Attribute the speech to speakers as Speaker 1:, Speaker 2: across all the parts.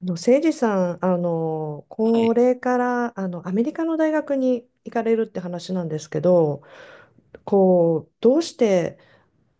Speaker 1: 誠司さん、
Speaker 2: は
Speaker 1: こ
Speaker 2: い。
Speaker 1: れから、アメリカの大学に行かれるって話なんですけど、どうして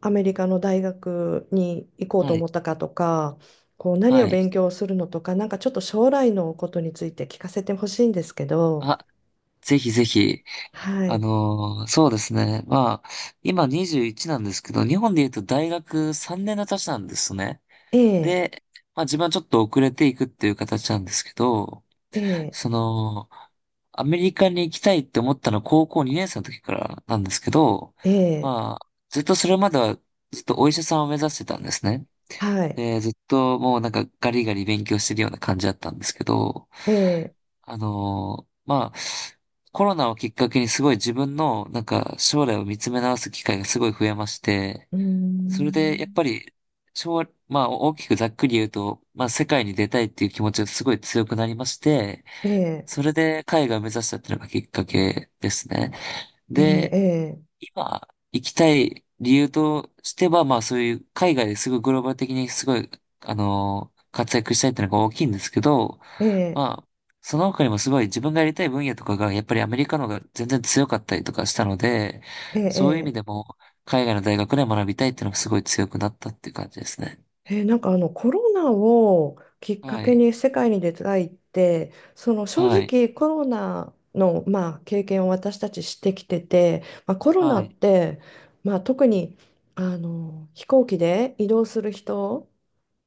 Speaker 1: アメリカの大学に行こう
Speaker 2: は
Speaker 1: と思
Speaker 2: い。
Speaker 1: ったかとか、何
Speaker 2: は
Speaker 1: を
Speaker 2: い。
Speaker 1: 勉強するのとか、なんかちょっと将来のことについて聞かせてほしいんですけど。
Speaker 2: あ、ぜひぜひ。
Speaker 1: はい。
Speaker 2: そうですね。まあ、今21なんですけど、日本で言うと大学3年の年なんですね。
Speaker 1: ええ、
Speaker 2: で、まあ自分はちょっと遅れていくっていう形なんですけど、
Speaker 1: ええ、
Speaker 2: その、アメリカに行きたいって思ったのは高校2年生の時からなんですけど、
Speaker 1: ええ、
Speaker 2: まあ、ずっとそれまではずっとお医者さんを目指してたんですね。
Speaker 1: はい。
Speaker 2: で、ずっともうなんかガリガリ勉強してるような感じだったんですけど、
Speaker 1: ええ、
Speaker 2: まあ、コロナをきっかけにすごい自分の、なんか、将来を見つめ直す機会がすごい増えまして、
Speaker 1: うー
Speaker 2: それで、やっぱ
Speaker 1: ん、
Speaker 2: り、まあ、大きくざっくり言うと、まあ、世界に出たいっていう気持ちがすごい強くなりまして、
Speaker 1: ええ、
Speaker 2: それで海外を目指したっていうのがきっかけですね。
Speaker 1: え
Speaker 2: で、
Speaker 1: え、
Speaker 2: 今、行きたい理由としては、まあ、そういう海外ですごいグローバル的にすごい、活躍したいっていうのが大きいんですけど、
Speaker 1: ええ、ええ、
Speaker 2: まあ、その他にもすごい自分がやりたい分野とかが、やっぱりアメリカの方が全然強かったりとかしたので、
Speaker 1: ええ、
Speaker 2: そういう意味
Speaker 1: え
Speaker 2: でも、海外の大学で学びたいっていうのがすごい強くなったっていう感じですね。
Speaker 1: えー、なんかコロナをきっか
Speaker 2: は
Speaker 1: け
Speaker 2: い。
Speaker 1: に世界に出たいって、正
Speaker 2: はい。
Speaker 1: 直コロナの、まあ、経験を私たちしてきてて、まあ、コロナ
Speaker 2: は
Speaker 1: っ
Speaker 2: い。
Speaker 1: て、まあ、特に飛行機で移動する人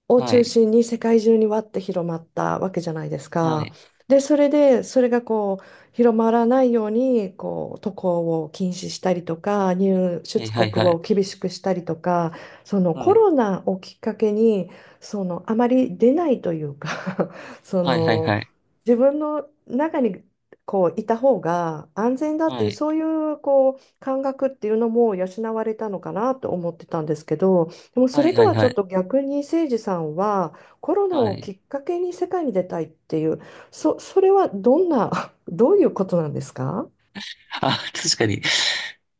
Speaker 1: を
Speaker 2: は
Speaker 1: 中
Speaker 2: い。
Speaker 1: 心に世界中にわって広まったわけじゃないです
Speaker 2: は
Speaker 1: か。
Speaker 2: い。
Speaker 1: で、それで、それが広まらないように、渡航を禁止したりとか、入
Speaker 2: はい。
Speaker 1: 出
Speaker 2: は
Speaker 1: 国
Speaker 2: い。はい。
Speaker 1: を厳しくしたりとか、そのコ
Speaker 2: は
Speaker 1: ロナをきっかけに、あまり出ないというか そ
Speaker 2: い。はい。
Speaker 1: の、
Speaker 2: はい。
Speaker 1: 自分の中に、こういた方が安全だってい
Speaker 2: は
Speaker 1: う、
Speaker 2: い。
Speaker 1: そういう感覚っていうのも養われたのかなと思ってたんですけど、でもそ
Speaker 2: は
Speaker 1: れ
Speaker 2: い。
Speaker 1: と
Speaker 2: はい。
Speaker 1: はち
Speaker 2: はい。
Speaker 1: ょ
Speaker 2: は
Speaker 1: っ
Speaker 2: い。
Speaker 1: と逆に、誠司さんはコロナ
Speaker 2: は
Speaker 1: をき
Speaker 2: い。
Speaker 1: っかけに世界に出たいっていう、それはどんな、どういうことなんですか？
Speaker 2: あ、確かに、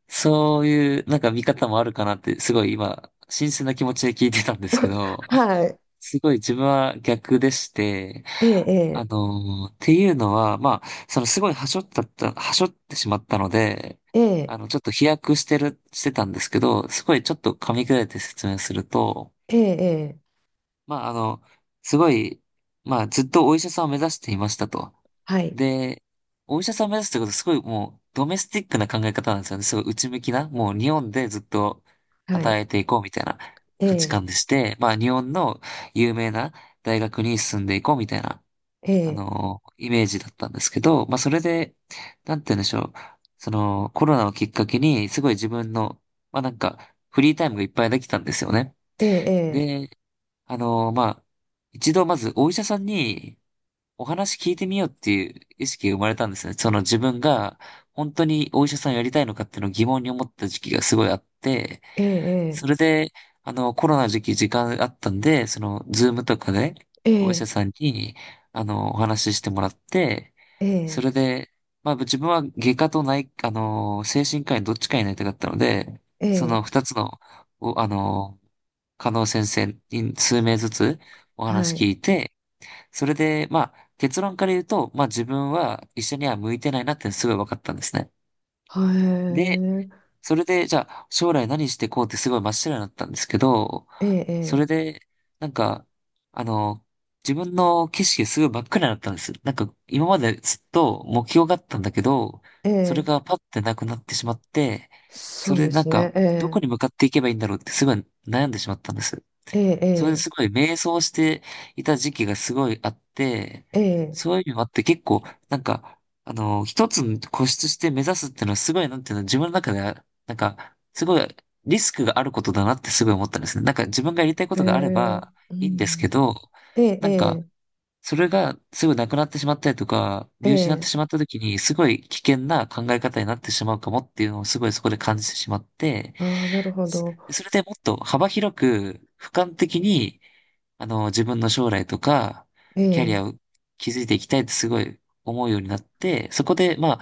Speaker 2: そういう、なんか見方もあるかなって、すごい今、新鮮な気持ちで聞いてたんですけど、
Speaker 1: はい。
Speaker 2: すごい自分は逆でして、
Speaker 1: ええ、
Speaker 2: っていうのは、まあ、そのすごい端折ったった、はしってしまったので、
Speaker 1: え
Speaker 2: あ
Speaker 1: え、
Speaker 2: の、ちょっと飛躍してる、してたんですけど、すごいちょっと噛み砕いて説明すると、
Speaker 1: ええ、ええ、
Speaker 2: まあ、すごい、まあ、ずっとお医者さんを目指していましたと。
Speaker 1: はい、
Speaker 2: で、お医者さんを目指すってことはすごいもう、ドメスティックな考え方なんですよね。すごい内向きな、もう日本でずっと
Speaker 1: はい、
Speaker 2: 働いていこうみたいな
Speaker 1: え
Speaker 2: 価値観
Speaker 1: え、
Speaker 2: でして、まあ、日本の有名な大学に進んでいこうみたいな、
Speaker 1: ええ、
Speaker 2: イメージだったんですけど、まあ、それで、なんて言うんでしょう。その、コロナをきっかけに、すごい自分の、まあ、なんか、フリータイムがいっぱいできたんですよね。
Speaker 1: ええ、
Speaker 2: で、まあ、一度まずお医者さんにお話聞いてみようっていう意識が生まれたんですね。その自分が本当にお医者さんやりたいのかっていうのを疑問に思った時期がすごいあって、
Speaker 1: ええ、え
Speaker 2: それ
Speaker 1: え、
Speaker 2: で、コロナ時期時間あったんで、その、ズームとかで、お医者さんに、お話ししてもらって、
Speaker 1: え
Speaker 2: そ
Speaker 1: え、
Speaker 2: れで、まあ、自分は外科と内、あの、精神科医どっちかになりたかったので、
Speaker 1: え
Speaker 2: その
Speaker 1: え、
Speaker 2: 二つの、お、あの、加納先生に数名ずつお
Speaker 1: は
Speaker 2: 話聞
Speaker 1: い、
Speaker 2: いて、それで、まあ、結論から言うと、まあ自分は医者には向いてないなってすごい分かったんですね。
Speaker 1: は
Speaker 2: で、
Speaker 1: い、
Speaker 2: それで、じゃあ、将来何してこうってすごい真っ白になったんですけど、
Speaker 1: え
Speaker 2: そ
Speaker 1: え、
Speaker 2: れで、なんか、あの、自分の景色がすごい真っ暗になったんです。なんか、今までずっと目標があったんだけど、
Speaker 1: え
Speaker 2: それ
Speaker 1: え、え
Speaker 2: が
Speaker 1: え、
Speaker 2: パッてなくなってしまって、
Speaker 1: そ
Speaker 2: そ
Speaker 1: う
Speaker 2: れで
Speaker 1: で
Speaker 2: なん
Speaker 1: す
Speaker 2: か、
Speaker 1: ね、
Speaker 2: ど
Speaker 1: え
Speaker 2: こに向かっていけばいいんだろうってすごい悩んでしまったんです。
Speaker 1: え、え
Speaker 2: それで
Speaker 1: え、
Speaker 2: すごい迷走していた時期がすごいあって、
Speaker 1: ええ、
Speaker 2: そういう意味もあって結構、なんか、一つ固執して目指すっていうのはすごい、なんていうの、自分の中では、なんか、すごいリスクがあることだなってすごい思ったんですね。なんか自分がやりたいこ
Speaker 1: え
Speaker 2: とがあれ
Speaker 1: え、
Speaker 2: ば
Speaker 1: う
Speaker 2: いいんです
Speaker 1: ん、
Speaker 2: けど、
Speaker 1: ええ、
Speaker 2: なんか、
Speaker 1: え
Speaker 2: それがすぐなくなってしまったりとか、
Speaker 1: え、
Speaker 2: 見失って
Speaker 1: ええ、
Speaker 2: しまった時に、すごい危険な考え方になってしまうかもっていうのをすごいそこで感じてしまって、
Speaker 1: ああ、なるほ
Speaker 2: そ
Speaker 1: ど。
Speaker 2: それでもっと幅広く、俯瞰的に、自分の将来とか、
Speaker 1: え
Speaker 2: キャリ
Speaker 1: え、
Speaker 2: アを築いていきたいってすごい思うようになって、そこで、まあ、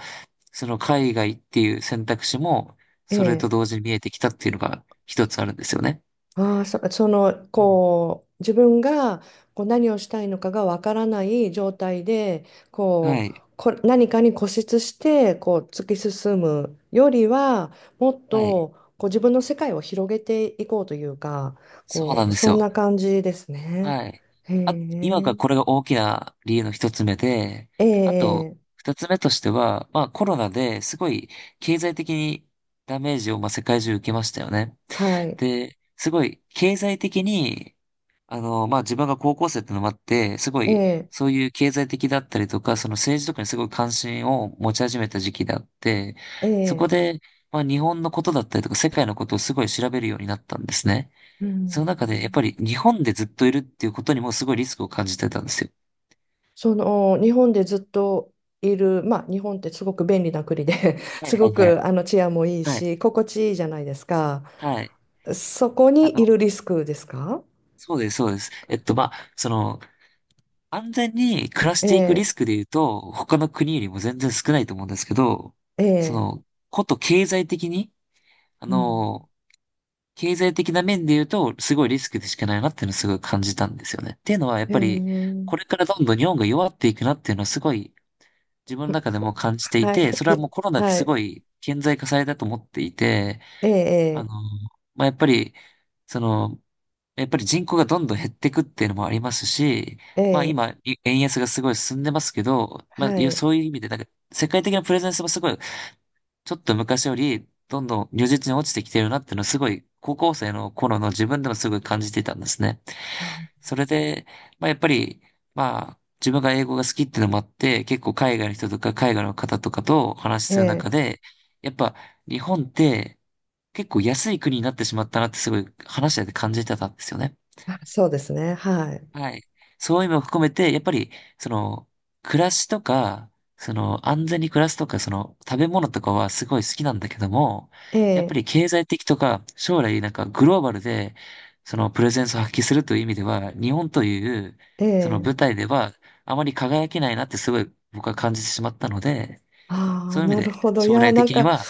Speaker 2: その海外っていう選択肢も、
Speaker 1: え
Speaker 2: それと
Speaker 1: え。
Speaker 2: 同時に見えてきたっていうのが一つあるんですよね。
Speaker 1: ああ、その、
Speaker 2: うん
Speaker 1: 自分が何をしたいのかがわからない状態で、
Speaker 2: はい。
Speaker 1: 何かに固執して、突き進むよりは、もっ
Speaker 2: はい。
Speaker 1: と、自分の世界を広げていこうというか、
Speaker 2: そうなんです
Speaker 1: そん
Speaker 2: よ。
Speaker 1: な感じですね。
Speaker 2: はい。
Speaker 1: へ
Speaker 2: あ、今が
Speaker 1: え、
Speaker 2: これが大きな理由の一つ目で、
Speaker 1: え
Speaker 2: あと、
Speaker 1: え、ええ、
Speaker 2: 二つ目としては、まあコロナですごい経済的にダメージをまあ世界中受けましたよね。
Speaker 1: はい、
Speaker 2: で、すごい経済的にまあ、自分が高校生ってのもあって、すご
Speaker 1: え
Speaker 2: い、
Speaker 1: え、
Speaker 2: そういう経済的だったりとか、その政治とかにすごい関心を持ち始めた時期であって、
Speaker 1: え
Speaker 2: そこ
Speaker 1: え、
Speaker 2: で、まあ、日本のことだったりとか、世界のことをすごい調べるようになったんですね。
Speaker 1: う
Speaker 2: その中で、やっぱり
Speaker 1: ん。
Speaker 2: 日本でずっといるっていうことにもすごいリスクを感じてたんですよ。
Speaker 1: その日本でずっといる、まあ、日本ってすごく便利な国で
Speaker 2: はい
Speaker 1: す
Speaker 2: は
Speaker 1: ご
Speaker 2: いはい。
Speaker 1: く治安もいい
Speaker 2: はい。
Speaker 1: し心地いいじゃないですか。
Speaker 2: はい。
Speaker 1: そこ
Speaker 2: あ
Speaker 1: にい
Speaker 2: の、
Speaker 1: るリスクですか？
Speaker 2: そうです、そうです。まあ、その、安全に暮らしていく
Speaker 1: え
Speaker 2: リスク
Speaker 1: え、
Speaker 2: で言うと、他の国よりも全然少ないと思うんですけど、
Speaker 1: え
Speaker 2: その、
Speaker 1: え、
Speaker 2: こと経済的に、あ
Speaker 1: うん、
Speaker 2: の、経済的な面で言うと、すごいリスクでしかないなっていうのをすごい感じたんですよね。っていうのは、やっぱり、
Speaker 1: ええ、
Speaker 2: これからどんどん日本が弱っていくなっていうのはすごい自分の中でも感じてい
Speaker 1: はい、
Speaker 2: て、それ
Speaker 1: い
Speaker 2: は
Speaker 1: や、
Speaker 2: もうコロナで
Speaker 1: は
Speaker 2: す
Speaker 1: い、
Speaker 2: ごい顕在化されたと思っていて、あの、
Speaker 1: ええ、
Speaker 2: まあ、やっぱり、その、やっぱり人口がどんどん減っていくっていうのもありますし、
Speaker 1: え
Speaker 2: まあ
Speaker 1: え、え
Speaker 2: 今、
Speaker 1: え、
Speaker 2: 円安がすごい進んでますけど、
Speaker 1: は
Speaker 2: まあ、いや
Speaker 1: い、
Speaker 2: そういう意味で、なんか、世界的なプレゼンスもすごいちょっと昔より、どんどん如実に落ちてきてるなっていうのをすごい、高校生の頃の自分でもすごい感じてたんですね。それで、まあやっぱり、まあ、自分が英語が好きっていうのもあって、結構海外の人とか海外の方とかとお話しする中
Speaker 1: ええ、
Speaker 2: で、やっぱ日本って結構安い国になってしまったなってすごい話してて感じてたんですよね。
Speaker 1: あ、そうですね、はい、
Speaker 2: はい。そういう意味も含めて、やっぱり、その、暮らしとか、その、安全に暮らすとか、その、食べ物とかはすごい好きなんだけども、やっぱ
Speaker 1: ええ、
Speaker 2: り経済的とか、将来なんかグローバルで、その、プレゼンスを発揮するという意味では、日本という、その
Speaker 1: え
Speaker 2: 舞
Speaker 1: え、
Speaker 2: 台では、あまり輝けないなってすごい僕は感じてしまったので、
Speaker 1: あ
Speaker 2: そ
Speaker 1: あ
Speaker 2: う
Speaker 1: ー、
Speaker 2: いう意
Speaker 1: な
Speaker 2: 味
Speaker 1: る
Speaker 2: で、
Speaker 1: ほど、い
Speaker 2: 将
Speaker 1: や、
Speaker 2: 来
Speaker 1: なん
Speaker 2: 的に
Speaker 1: か。
Speaker 2: は、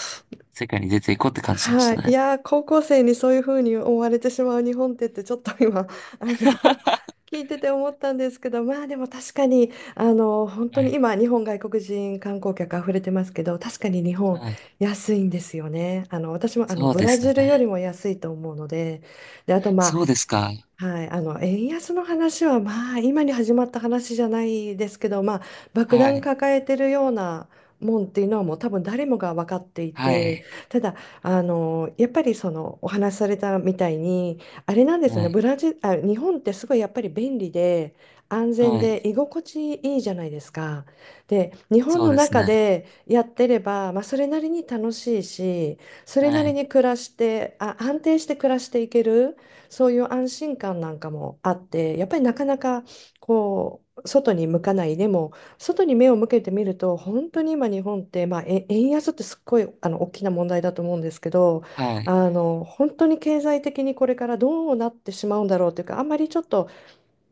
Speaker 2: 世界に出ていこうって感じまし
Speaker 1: はい、
Speaker 2: た
Speaker 1: い
Speaker 2: ね。
Speaker 1: やー、高校生にそういうふうに思われてしまう日本ってちょっと今あの 聞いてて思ったんですけど、まあでも確かに、本当
Speaker 2: は
Speaker 1: に
Speaker 2: い。
Speaker 1: 今日本、外国人観光客あふれてますけど、確かに日本
Speaker 2: はい。
Speaker 1: 安いんですよね。私も
Speaker 2: そう
Speaker 1: ブ
Speaker 2: で
Speaker 1: ラ
Speaker 2: すよ
Speaker 1: ジルより
Speaker 2: ね。
Speaker 1: も安いと思うので、で、あと、まあ、
Speaker 2: そうですか。
Speaker 1: はい。円安の話は、まあ、今に始まった話じゃないですけど、まあ、爆
Speaker 2: は
Speaker 1: 弾
Speaker 2: い。
Speaker 1: 抱えてるようなもんっていうのはもう多分誰もが分かってい
Speaker 2: は
Speaker 1: て、
Speaker 2: い。
Speaker 1: ただやっぱり、そのお話しされたみたいに、あれなんですよ
Speaker 2: は
Speaker 1: ね。
Speaker 2: い。
Speaker 1: ブラジル、あ、日本ってすごいやっぱり便利で安全
Speaker 2: は
Speaker 1: で
Speaker 2: い。
Speaker 1: 居心地いいじゃないですか。で、日本
Speaker 2: そう
Speaker 1: の
Speaker 2: です
Speaker 1: 中
Speaker 2: ね。
Speaker 1: でやってれば、まあ、それなりに楽しいし、それ
Speaker 2: は
Speaker 1: なり
Speaker 2: い。
Speaker 1: に暮らして、あ、安定して暮らしていける。そういう安心感なんかもあって、やっぱりなかなか外に向かない。でも、外に目を向けてみると、本当に今日本って、まあ、円安ってすっごい大きな問題だと思うんですけど、
Speaker 2: はい。
Speaker 1: 本当に経済的にこれからどうなってしまうんだろうというか、あんまりちょっと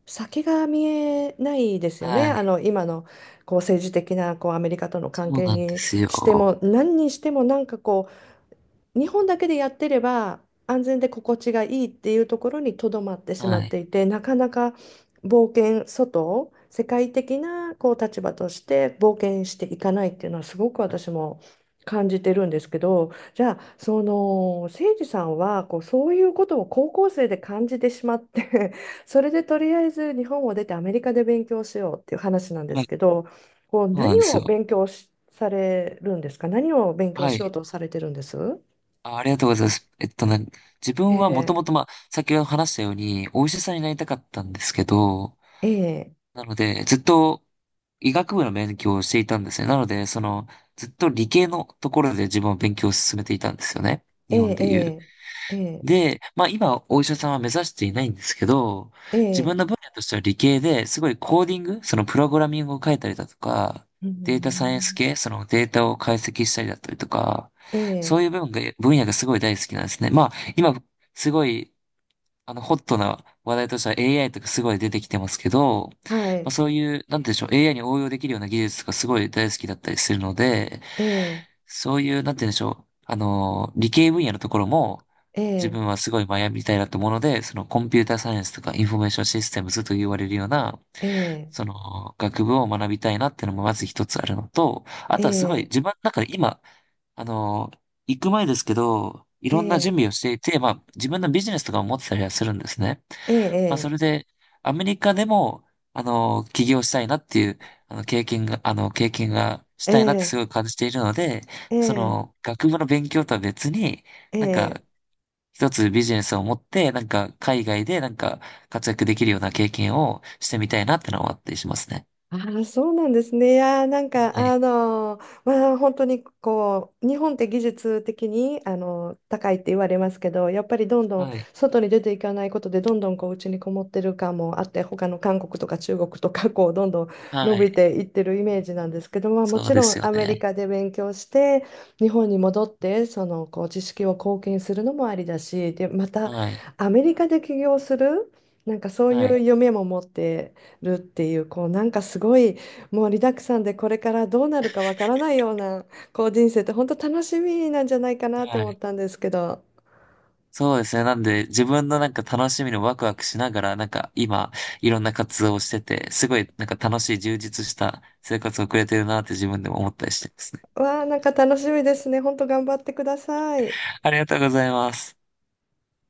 Speaker 1: 先が見えないですよね。
Speaker 2: はい。
Speaker 1: 今の政治的なアメリカとの関
Speaker 2: そう
Speaker 1: 係
Speaker 2: なんで
Speaker 1: に
Speaker 2: す
Speaker 1: して
Speaker 2: よ。
Speaker 1: も、何にしてもなんか日本だけでやってれば安全で心地がいいっていうところにとどまってしま
Speaker 2: は
Speaker 1: っ
Speaker 2: い。
Speaker 1: ていて、なかなか冒険、外世界的な立場として冒険していかないっていうのはすごく私も感じてるんですけど、じゃあ、その誠司さんはそういうことを高校生で感じてしまって それでとりあえず日本を出てアメリカで勉強しようっていう話なんで
Speaker 2: は
Speaker 1: す
Speaker 2: い。
Speaker 1: けど、
Speaker 2: そうな
Speaker 1: 何
Speaker 2: んです
Speaker 1: を
Speaker 2: よ。
Speaker 1: 勉強しされるんですか。何を勉強
Speaker 2: は
Speaker 1: しよう
Speaker 2: い。
Speaker 1: とされてるんです？
Speaker 2: あ、ありがとうございます。自
Speaker 1: え
Speaker 2: 分はもと
Speaker 1: え、
Speaker 2: もと、まあ、先ほど話したように、お医者さんになりたかったんですけど、
Speaker 1: ええ、
Speaker 2: なので、ずっと医学部の勉強をしていたんですね。なので、その、ずっと理系のところで自分は勉強を進めていたんですよね。
Speaker 1: え
Speaker 2: 日本でいう。
Speaker 1: え、ええ、
Speaker 2: で、まあ今お医者さんは目指していないんですけど、
Speaker 1: え
Speaker 2: 自分
Speaker 1: え、
Speaker 2: の分野としては理系ですごいコーディング、そのプログラミングを書いたりだとか、
Speaker 1: う
Speaker 2: データサイエンス
Speaker 1: ん、
Speaker 2: 系、そのデータを解析したりだったりとか、
Speaker 1: え
Speaker 2: そ
Speaker 1: え、
Speaker 2: ういう部分が、分野がすごい大好きなんですね。まあ今すごい、ホットな話題としては AI とかすごい出てきてますけど、
Speaker 1: は
Speaker 2: まあ
Speaker 1: い、
Speaker 2: そういう、なんて言うんでしょう、AI に応用できるような技術とかすごい大好きだったりするので、
Speaker 1: ええ、
Speaker 2: そういう、なんて言うんでしょう。あの理系分野のところも、
Speaker 1: え
Speaker 2: 自
Speaker 1: え、
Speaker 2: 分はすごい学びたいなと思うので、そのコンピューターサイエンスとかインフォメーションシステムズと言われるような、
Speaker 1: ええ、
Speaker 2: その学部を学びたいなっていうのもまず一つあるのと、あ
Speaker 1: え
Speaker 2: とはすごい
Speaker 1: え、
Speaker 2: 自分の中で今、あの行く前ですけど、い
Speaker 1: え
Speaker 2: ろんな準
Speaker 1: え、
Speaker 2: 備をしていて、まあ自分のビジネスとかも持ってたりはするんですね。
Speaker 1: え
Speaker 2: まあ、そ
Speaker 1: え、
Speaker 2: れで、アメリカでも、起業したいなっていう、経験がし
Speaker 1: え
Speaker 2: たいなってす
Speaker 1: え、
Speaker 2: ごい感じているので、
Speaker 1: え
Speaker 2: そ
Speaker 1: え、
Speaker 2: の、学部の勉強とは別に、
Speaker 1: え
Speaker 2: なんか、
Speaker 1: え。
Speaker 2: 一つビジネスを持って、なんか、海外で、なんか、活躍できるような経験をしてみたいなってのは思ったりしますね。
Speaker 1: ああ、そうなんですね。いやー、なんか、
Speaker 2: はい。
Speaker 1: まあ、本当に日本って技術的に、高いって言われますけど、やっぱりどんどん
Speaker 2: はい。
Speaker 1: 外に出ていかないことで、どんどん家にこもってる感もあって、他の韓国とか中国とか、どんどん伸
Speaker 2: はい。
Speaker 1: びていってるイメージなんですけど、まあ、も
Speaker 2: そう
Speaker 1: ち
Speaker 2: で
Speaker 1: ろん
Speaker 2: すよ
Speaker 1: アメリ
Speaker 2: ね。
Speaker 1: カで勉強して、日本に戻って、知識を貢献するのもありだし、で、また、
Speaker 2: はい。
Speaker 1: アメリカで起業する、なんかそうい
Speaker 2: は
Speaker 1: う
Speaker 2: い。
Speaker 1: 夢も持って、るっていう、なんかすごい、もうリダックさんで、これからどうなるかわからないような人生って本当楽しみなんじゃないかなって
Speaker 2: は
Speaker 1: 思っ
Speaker 2: い。
Speaker 1: たんですけど、
Speaker 2: そうですね。なんで、自分のなんか楽しみのワクワクしながら、なんか今、いろんな活動をしてて、すごいなんか楽しい充実した生活を送れてるなって自分でも思ったりしてますね。
Speaker 1: わあ、なんか楽しみですね。本当頑張ってください。
Speaker 2: ありがとうございます。